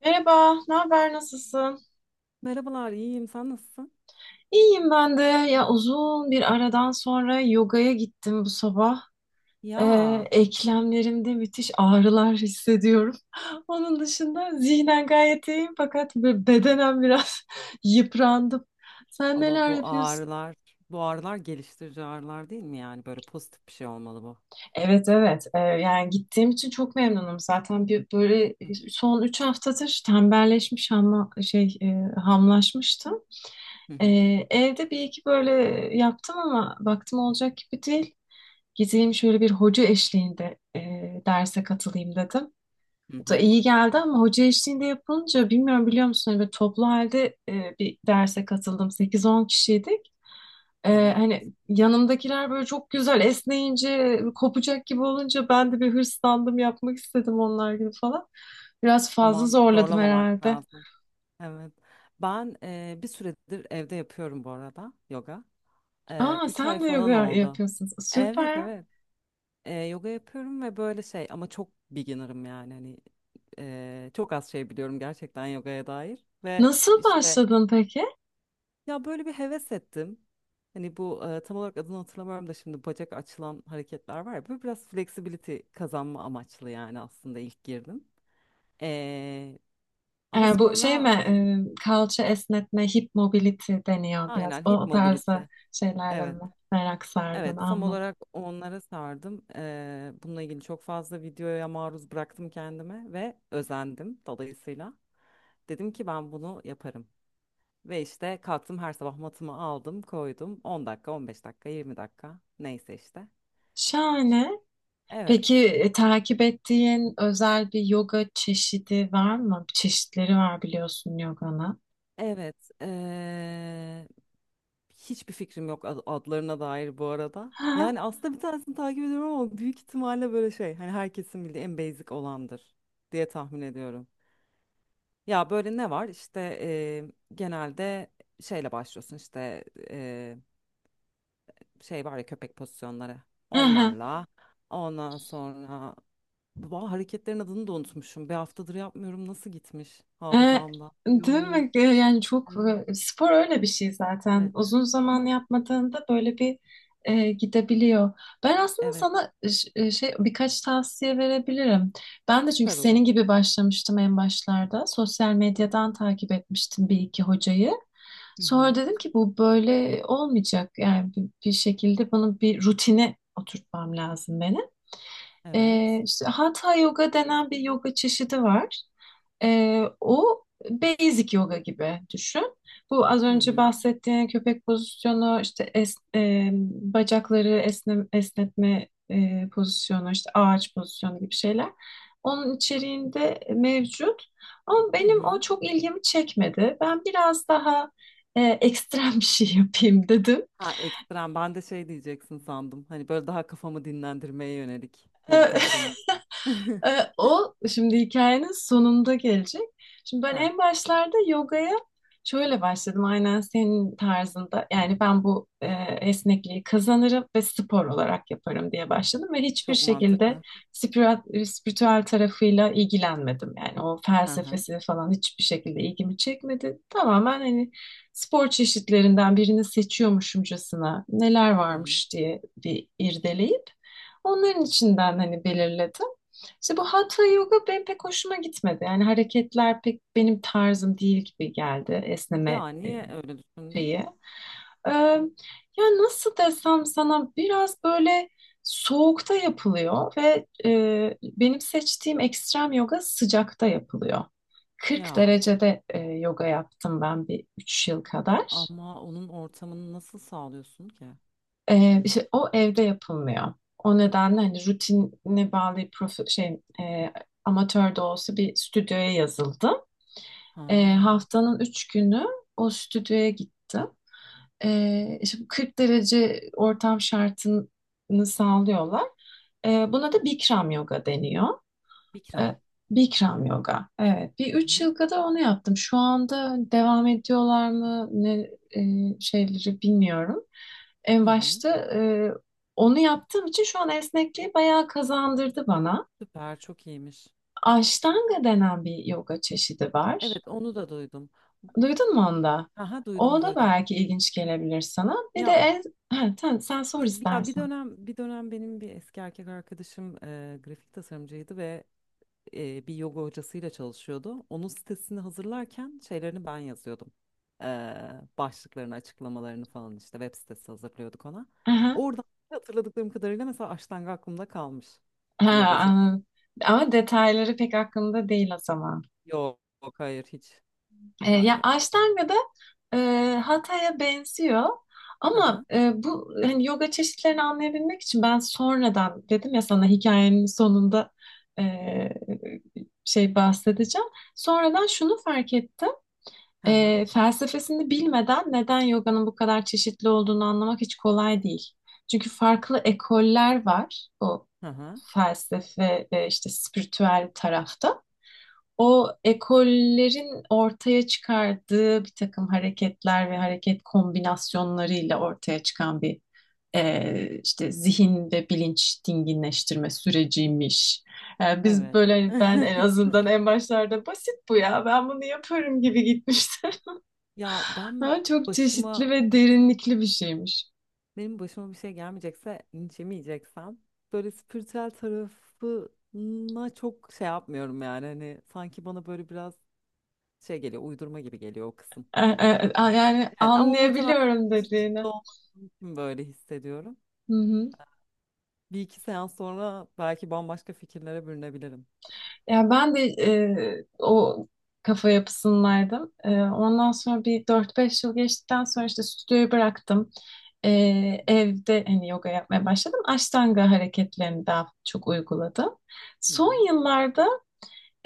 Merhaba, ne haber, nasılsın? Merhabalar, iyiyim. Sen nasılsın? İyiyim ben de. Ya uzun bir aradan sonra yogaya gittim bu sabah. Ya Eklemlerimde müthiş ağrılar hissediyorum. Onun dışında zihnen gayet iyiyim fakat bedenen biraz yıprandım. Sen ama neler bu yapıyorsun? ağrılar, bu ağrılar geliştirici ağrılar değil mi yani? Böyle pozitif bir şey olmalı bu. Evet, evet. Yani gittiğim için çok memnunum. Zaten bir böyle Hı son 3 haftadır tembelleşmiş ama hamlaşmıştım. hı hı. Evde bir iki böyle yaptım ama baktım olacak gibi değil. Gideyim şöyle bir hoca eşliğinde derse katılayım dedim. Hı Bu hı. da Hı. iyi geldi ama hoca eşliğinde yapılınca bilmiyorum biliyor musun hani böyle toplu halde bir derse katıldım. Sekiz on kişiydik. Evet. Hani yanımdakiler böyle çok güzel esneyince kopacak gibi olunca ben de bir hırslandım yapmak istedim onlar gibi falan. Biraz fazla Ama zorladım zorlamamak herhalde. lazım. Evet. Ben bir süredir evde yapıyorum bu arada yoga. Aa, Üç ay sen de falan yoga oldu. yapıyorsun. Evet, Süper. evet. Yoga yapıyorum ve böyle şey ama çok beginner'ım yani hani çok az şey biliyorum gerçekten yogaya dair ve Nasıl işte. başladın peki? Ya böyle bir heves ettim. Hani bu tam olarak adını hatırlamıyorum da şimdi bacak açılan hareketler var ya. Böyle biraz flexibility kazanma amaçlı yani aslında ilk girdim. Ee, ama Bu şey sonra mi? Kalça esnetme, hip mobility deniyor biraz. aynen O hip o mobility. tarzı şeylerle Evet, mi merak sardın? evet tam Anladım. olarak onlara sardım. Bununla ilgili çok fazla videoya maruz bıraktım kendime ve özendim dolayısıyla. Dedim ki ben bunu yaparım. Ve işte kalktım her sabah matımı aldım, koydum. 10 dakika, 15 dakika, 20 dakika neyse işte. Şahane. Evet. Peki takip ettiğin özel bir yoga çeşidi var mı? Çeşitleri var biliyorsun yoganın. Evet, hiçbir fikrim yok adlarına dair bu arada. Hı hı. Yani aslında bir tanesini takip ediyorum ama büyük ihtimalle böyle şey hani herkesin bildiği en basic olandır diye tahmin ediyorum. Ya böyle ne var İşte genelde şeyle başlıyorsun işte, eee, şey var ya, köpek pozisyonları, Hı hı. onlarla, ondan sonra. Vah, hareketlerin adını da unutmuşum. Bir haftadır yapmıyorum, nasıl gitmiş E, hafızamda. değil İnanılmaz. mi? Yani çok Evet, spor öyle bir şey zaten. evet. Uzun zaman Ama yapmadığında böyle bir gidebiliyor. Ben aslında evet, sana birkaç tavsiye verebilirim. Ben de çünkü süper olur. senin gibi başlamıştım en başlarda. Sosyal medyadan takip etmiştim bir iki hocayı. Hı Sonra hı. dedim ki bu böyle olmayacak. Yani bir şekilde bunun bir rutine oturtmam lazım benim. Evet. İşte Hatha yoga denen bir yoga çeşidi var. O basic yoga gibi düşün. Bu az Hı önce hı. bahsettiğin köpek pozisyonu, işte bacakları esnetme pozisyonu, işte ağaç pozisyonu gibi şeyler. Onun içeriğinde mevcut. Ama Hı benim o hı. çok ilgimi çekmedi. Ben biraz daha ekstrem bir şey yapayım dedim. Ha, ekstrem. Ben de şey diyeceksin sandım. Hani böyle daha kafamı dinlendirmeye yönelik meditasyonum. E, O şimdi hikayenin sonunda gelecek. Şimdi ben Ha, en başlarda yogaya şöyle başladım. Aynen senin tarzında. Yani ben bu esnekliği kazanırım ve spor olarak yaparım diye başladım ve hiçbir çok şekilde mantıklı. Spiritüel tarafıyla ilgilenmedim. Yani o Hı hı. felsefesi falan hiçbir şekilde ilgimi çekmedi. Tamamen hani spor çeşitlerinden birini seçiyormuşumcasına neler Hı hı. varmış diye bir irdeleyip onların içinden hani belirledim. İşte bu hatha yoga benim pek hoşuma gitmedi. Yani hareketler pek benim tarzım değil gibi geldi esneme Ya niye öyle düşündün? şeyi. Ee, Ya nasıl desem sana biraz böyle soğukta yapılıyor ve benim seçtiğim ekstrem yoga sıcakta yapılıyor. 40 Ya derecede yoga yaptım ben bir 3 yıl kadar. ama onun ortamını nasıl sağlıyorsun ki? İşte o evde yapılmıyor. O nedenle hani rutinine bağlı amatör de olsa bir stüdyoya yazıldım. E, Ha, haftanın 3 günü o stüdyoya gittim. İşte bu 40 derece ortam şartını sağlıyorlar. Buna da Bikram yoga deniyor. E, Bikram. Bikram yoga. Evet, bir Hı üç hı. yıl kadar onu yaptım. Şu anda devam ediyorlar mı ne e, şeyleri bilmiyorum. En Hı hı. başta onu yaptığım için şu an esnekliği bayağı kazandırdı bana. Süper, çok iyiymiş. Ashtanga denen bir yoga çeşidi var. Evet, onu da duydum. Duydun mu onu da? Aha, duydum, O da duydum. belki ilginç gelebilir sana. Bir de Ya, en... Ha, sen sor ya bir istersen. dönem bir dönem benim bir eski erkek arkadaşım grafik tasarımcıydı ve bir yoga hocasıyla çalışıyordu. Onun sitesini hazırlarken şeylerini ben yazıyordum. E, başlıklarını, açıklamalarını falan işte web sitesi hazırlıyorduk ona. Aha. Oradan hatırladıklarım kadarıyla mesela Ashtanga aklımda kalmış. Ha, Bir yoga çek. anladım. Ama detayları pek aklımda değil o zaman. Yok, hayır hiç. Ya Yani. Ashtanga'da e, Hatha'ya benziyor. Hı Ama hı. Bu hani yoga çeşitlerini anlayabilmek için ben sonradan dedim ya sana hikayenin sonunda e, bahsedeceğim. Sonradan şunu fark ettim. Hı hı. Felsefesini bilmeden neden yoganın bu kadar çeşitli olduğunu anlamak hiç kolay değil. Çünkü farklı ekoller var o Hı hı. felsefe ve işte spiritüel tarafta. O ekollerin ortaya çıkardığı bir takım hareketler ve hareket kombinasyonlarıyla ortaya çıkan bir işte zihin ve bilinç dinginleştirme süreciymiş. Biz Evet. böyle hani ben en azından en başlarda basit bu ya ben bunu yaparım gibi gitmiştim. Ya ben Ha, çok çeşitli başıma ve derinlikli bir şeymiş. benim başıma bir şey gelmeyecekse, linç yemeyeceksem böyle spiritüel tarafına çok şey yapmıyorum yani. Hani sanki bana böyle biraz şey geliyor, uydurma gibi geliyor o kısım. Yani Evet, ama muhtemelen anlayabiliyorum içinde dediğini. olmadığım için böyle hissediyorum. Hı hı. Bir iki seans sonra belki bambaşka fikirlere bürünebilirim. Ya ben de o kafa yapısındaydım. Ondan sonra bir 4-5 yıl geçtikten sonra işte stüdyoyu bıraktım. Hı hı. Evde hani yoga yapmaya başladım. Ashtanga hareketlerini daha çok uyguladım. Hı hı. Son yıllarda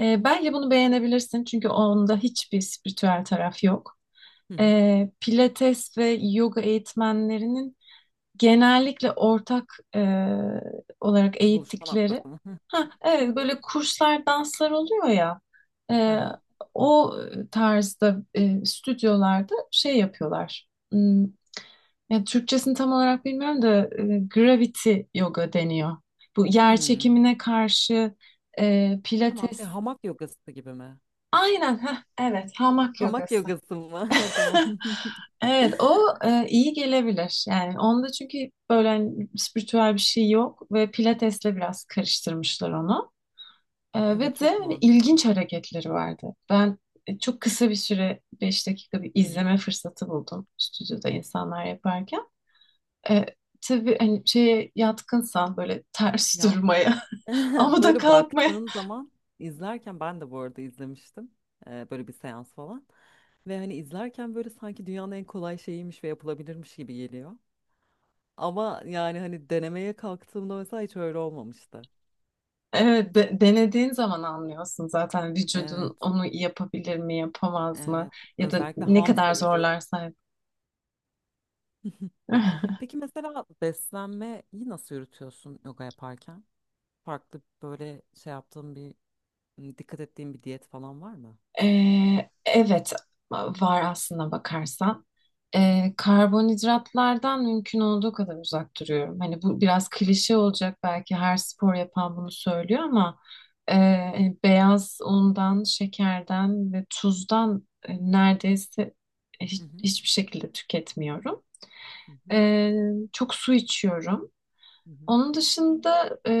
belki bunu beğenebilirsin çünkü onda hiçbir spiritüel taraf yok. Hı hı. Pilates ve yoga eğitmenlerinin genellikle ortak olarak Buluşma eğittikleri noktası mı? ha evet böyle kurslar danslar oluyor ya e, Aha. o tarzda stüdyolarda şey yapıyorlar. Hmm, yani Türkçesini tam olarak bilmiyorum da gravity yoga deniyor. Bu yer Hmm. çekimine karşı Tamam, şey, pilates. hamak yogası gibi mi? Aynen, heh, evet, hamak Hamak yogası. yogası mı? Tamam. Evet, o iyi gelebilir. Yani onda çünkü böyle hani spiritüel bir şey yok ve pilatesle biraz karıştırmışlar onu. Evet, Ve de çok hani mantıklı. ilginç hareketleri vardı. Ben çok kısa bir süre, 5 dakika bir izleme fırsatı buldum stüdyoda insanlar yaparken. E, tabii hani şeye yatkınsan böyle ters Ya durmaya, amuda böyle kalkmaya. baktığın zaman izlerken ben de bu arada izlemiştim. Böyle bir seans falan. Ve hani izlerken böyle sanki dünyanın en kolay şeyiymiş ve yapılabilirmiş gibi geliyor. Ama yani hani denemeye kalktığımda mesela hiç öyle olmamıştı. Evet, denediğin zaman anlıyorsun zaten Evet, vücudun onu yapabilir mi, yapamaz mı evet. ya da Özellikle ne kadar hamsa vücudum. zorlarsa. Peki mesela beslenmeyi nasıl yürütüyorsun yoga yaparken? Farklı böyle şey yaptığın dikkat ettiğin bir diyet falan var mı? Evet, var aslına bakarsan. Hı hı. Karbonhidratlardan mümkün olduğu kadar uzak duruyorum. Hani bu biraz klişe olacak belki her spor yapan bunu söylüyor ama hani beyaz undan, şekerden ve tuzdan neredeyse Hı hı. hiçbir şekilde tüketmiyorum. Hı hı. Ee, Çok su içiyorum. Hı hı. Onun dışında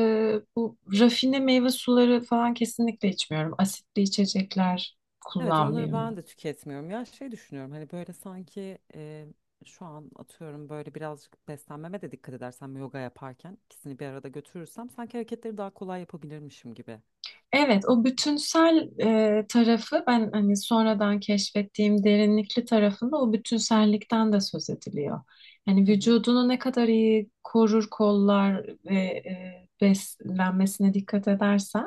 bu rafine meyve suları falan kesinlikle içmiyorum. Asitli içecekler Evet, onları ben kullanmıyorum. de tüketmiyorum. Ya şey düşünüyorum hani böyle sanki şu an atıyorum böyle birazcık beslenmeme de dikkat edersem yoga yaparken ikisini bir arada götürürsem sanki hareketleri daha kolay yapabilirmişim gibi. Evet, o bütünsel tarafı ben hani sonradan keşfettiğim derinlikli tarafında o bütünsellikten de söz ediliyor. Yani Hı hı. vücudunu ne kadar iyi korur, kollar ve beslenmesine dikkat edersen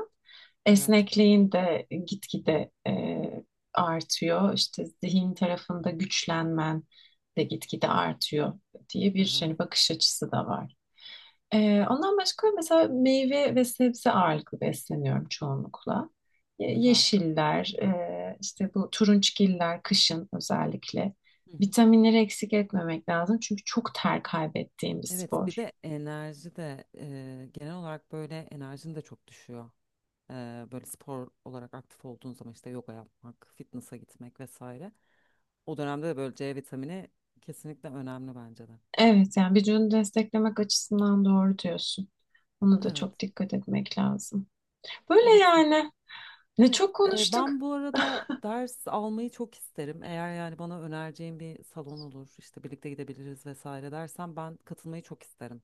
Evet. esnekliğin de gitgide artıyor. İşte zihin tarafında güçlenmen de gitgide artıyor diye bir Aha, hani bakış açısı da var. Ondan başka mesela meyve ve sebze ağırlıklı besleniyorum çoğunlukla. Süper. Yeşiller, işte bu turunçgiller kışın özellikle. Hı hı. Vitaminleri eksik etmemek lazım çünkü çok ter kaybettiğim bir Evet bir spor. de enerji de genel olarak böyle enerjin de çok düşüyor. E, böyle spor olarak aktif olduğun zaman işte yoga yapmak, fitness'a gitmek vesaire. O dönemde de böyle C vitamini kesinlikle önemli bence de. Evet, yani vücudunu desteklemek açısından doğru diyorsun. Ona da çok Evet. dikkat etmek lazım. Böyle Evet. yani. Ne Evet, çok konuştuk. ben bu arada ders almayı çok isterim. Eğer yani bana önereceğin bir salon olur, işte birlikte gidebiliriz vesaire dersen ben katılmayı çok isterim.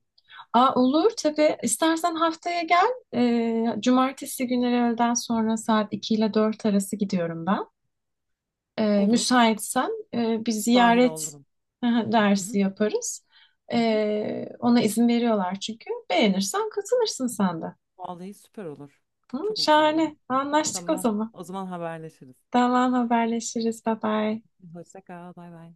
Aa, olur tabii. İstersen haftaya gel. Cumartesi günleri öğleden sonra saat 2 ile 4 arası gidiyorum ben. E, Olur, Müsaitsen bir dahil ziyaret olurum. Hı hı, dersi yaparız. hı hı. Ona izin veriyorlar çünkü. Beğenirsen katılırsın sen de. Vallahi süper olur. Hı, Çok mutlu olurum. şahane. Anlaştık o Tamam, zaman. o zaman haberleşiriz. Tamam, haberleşiriz. Bye bye. Hoşça kal, bay bay.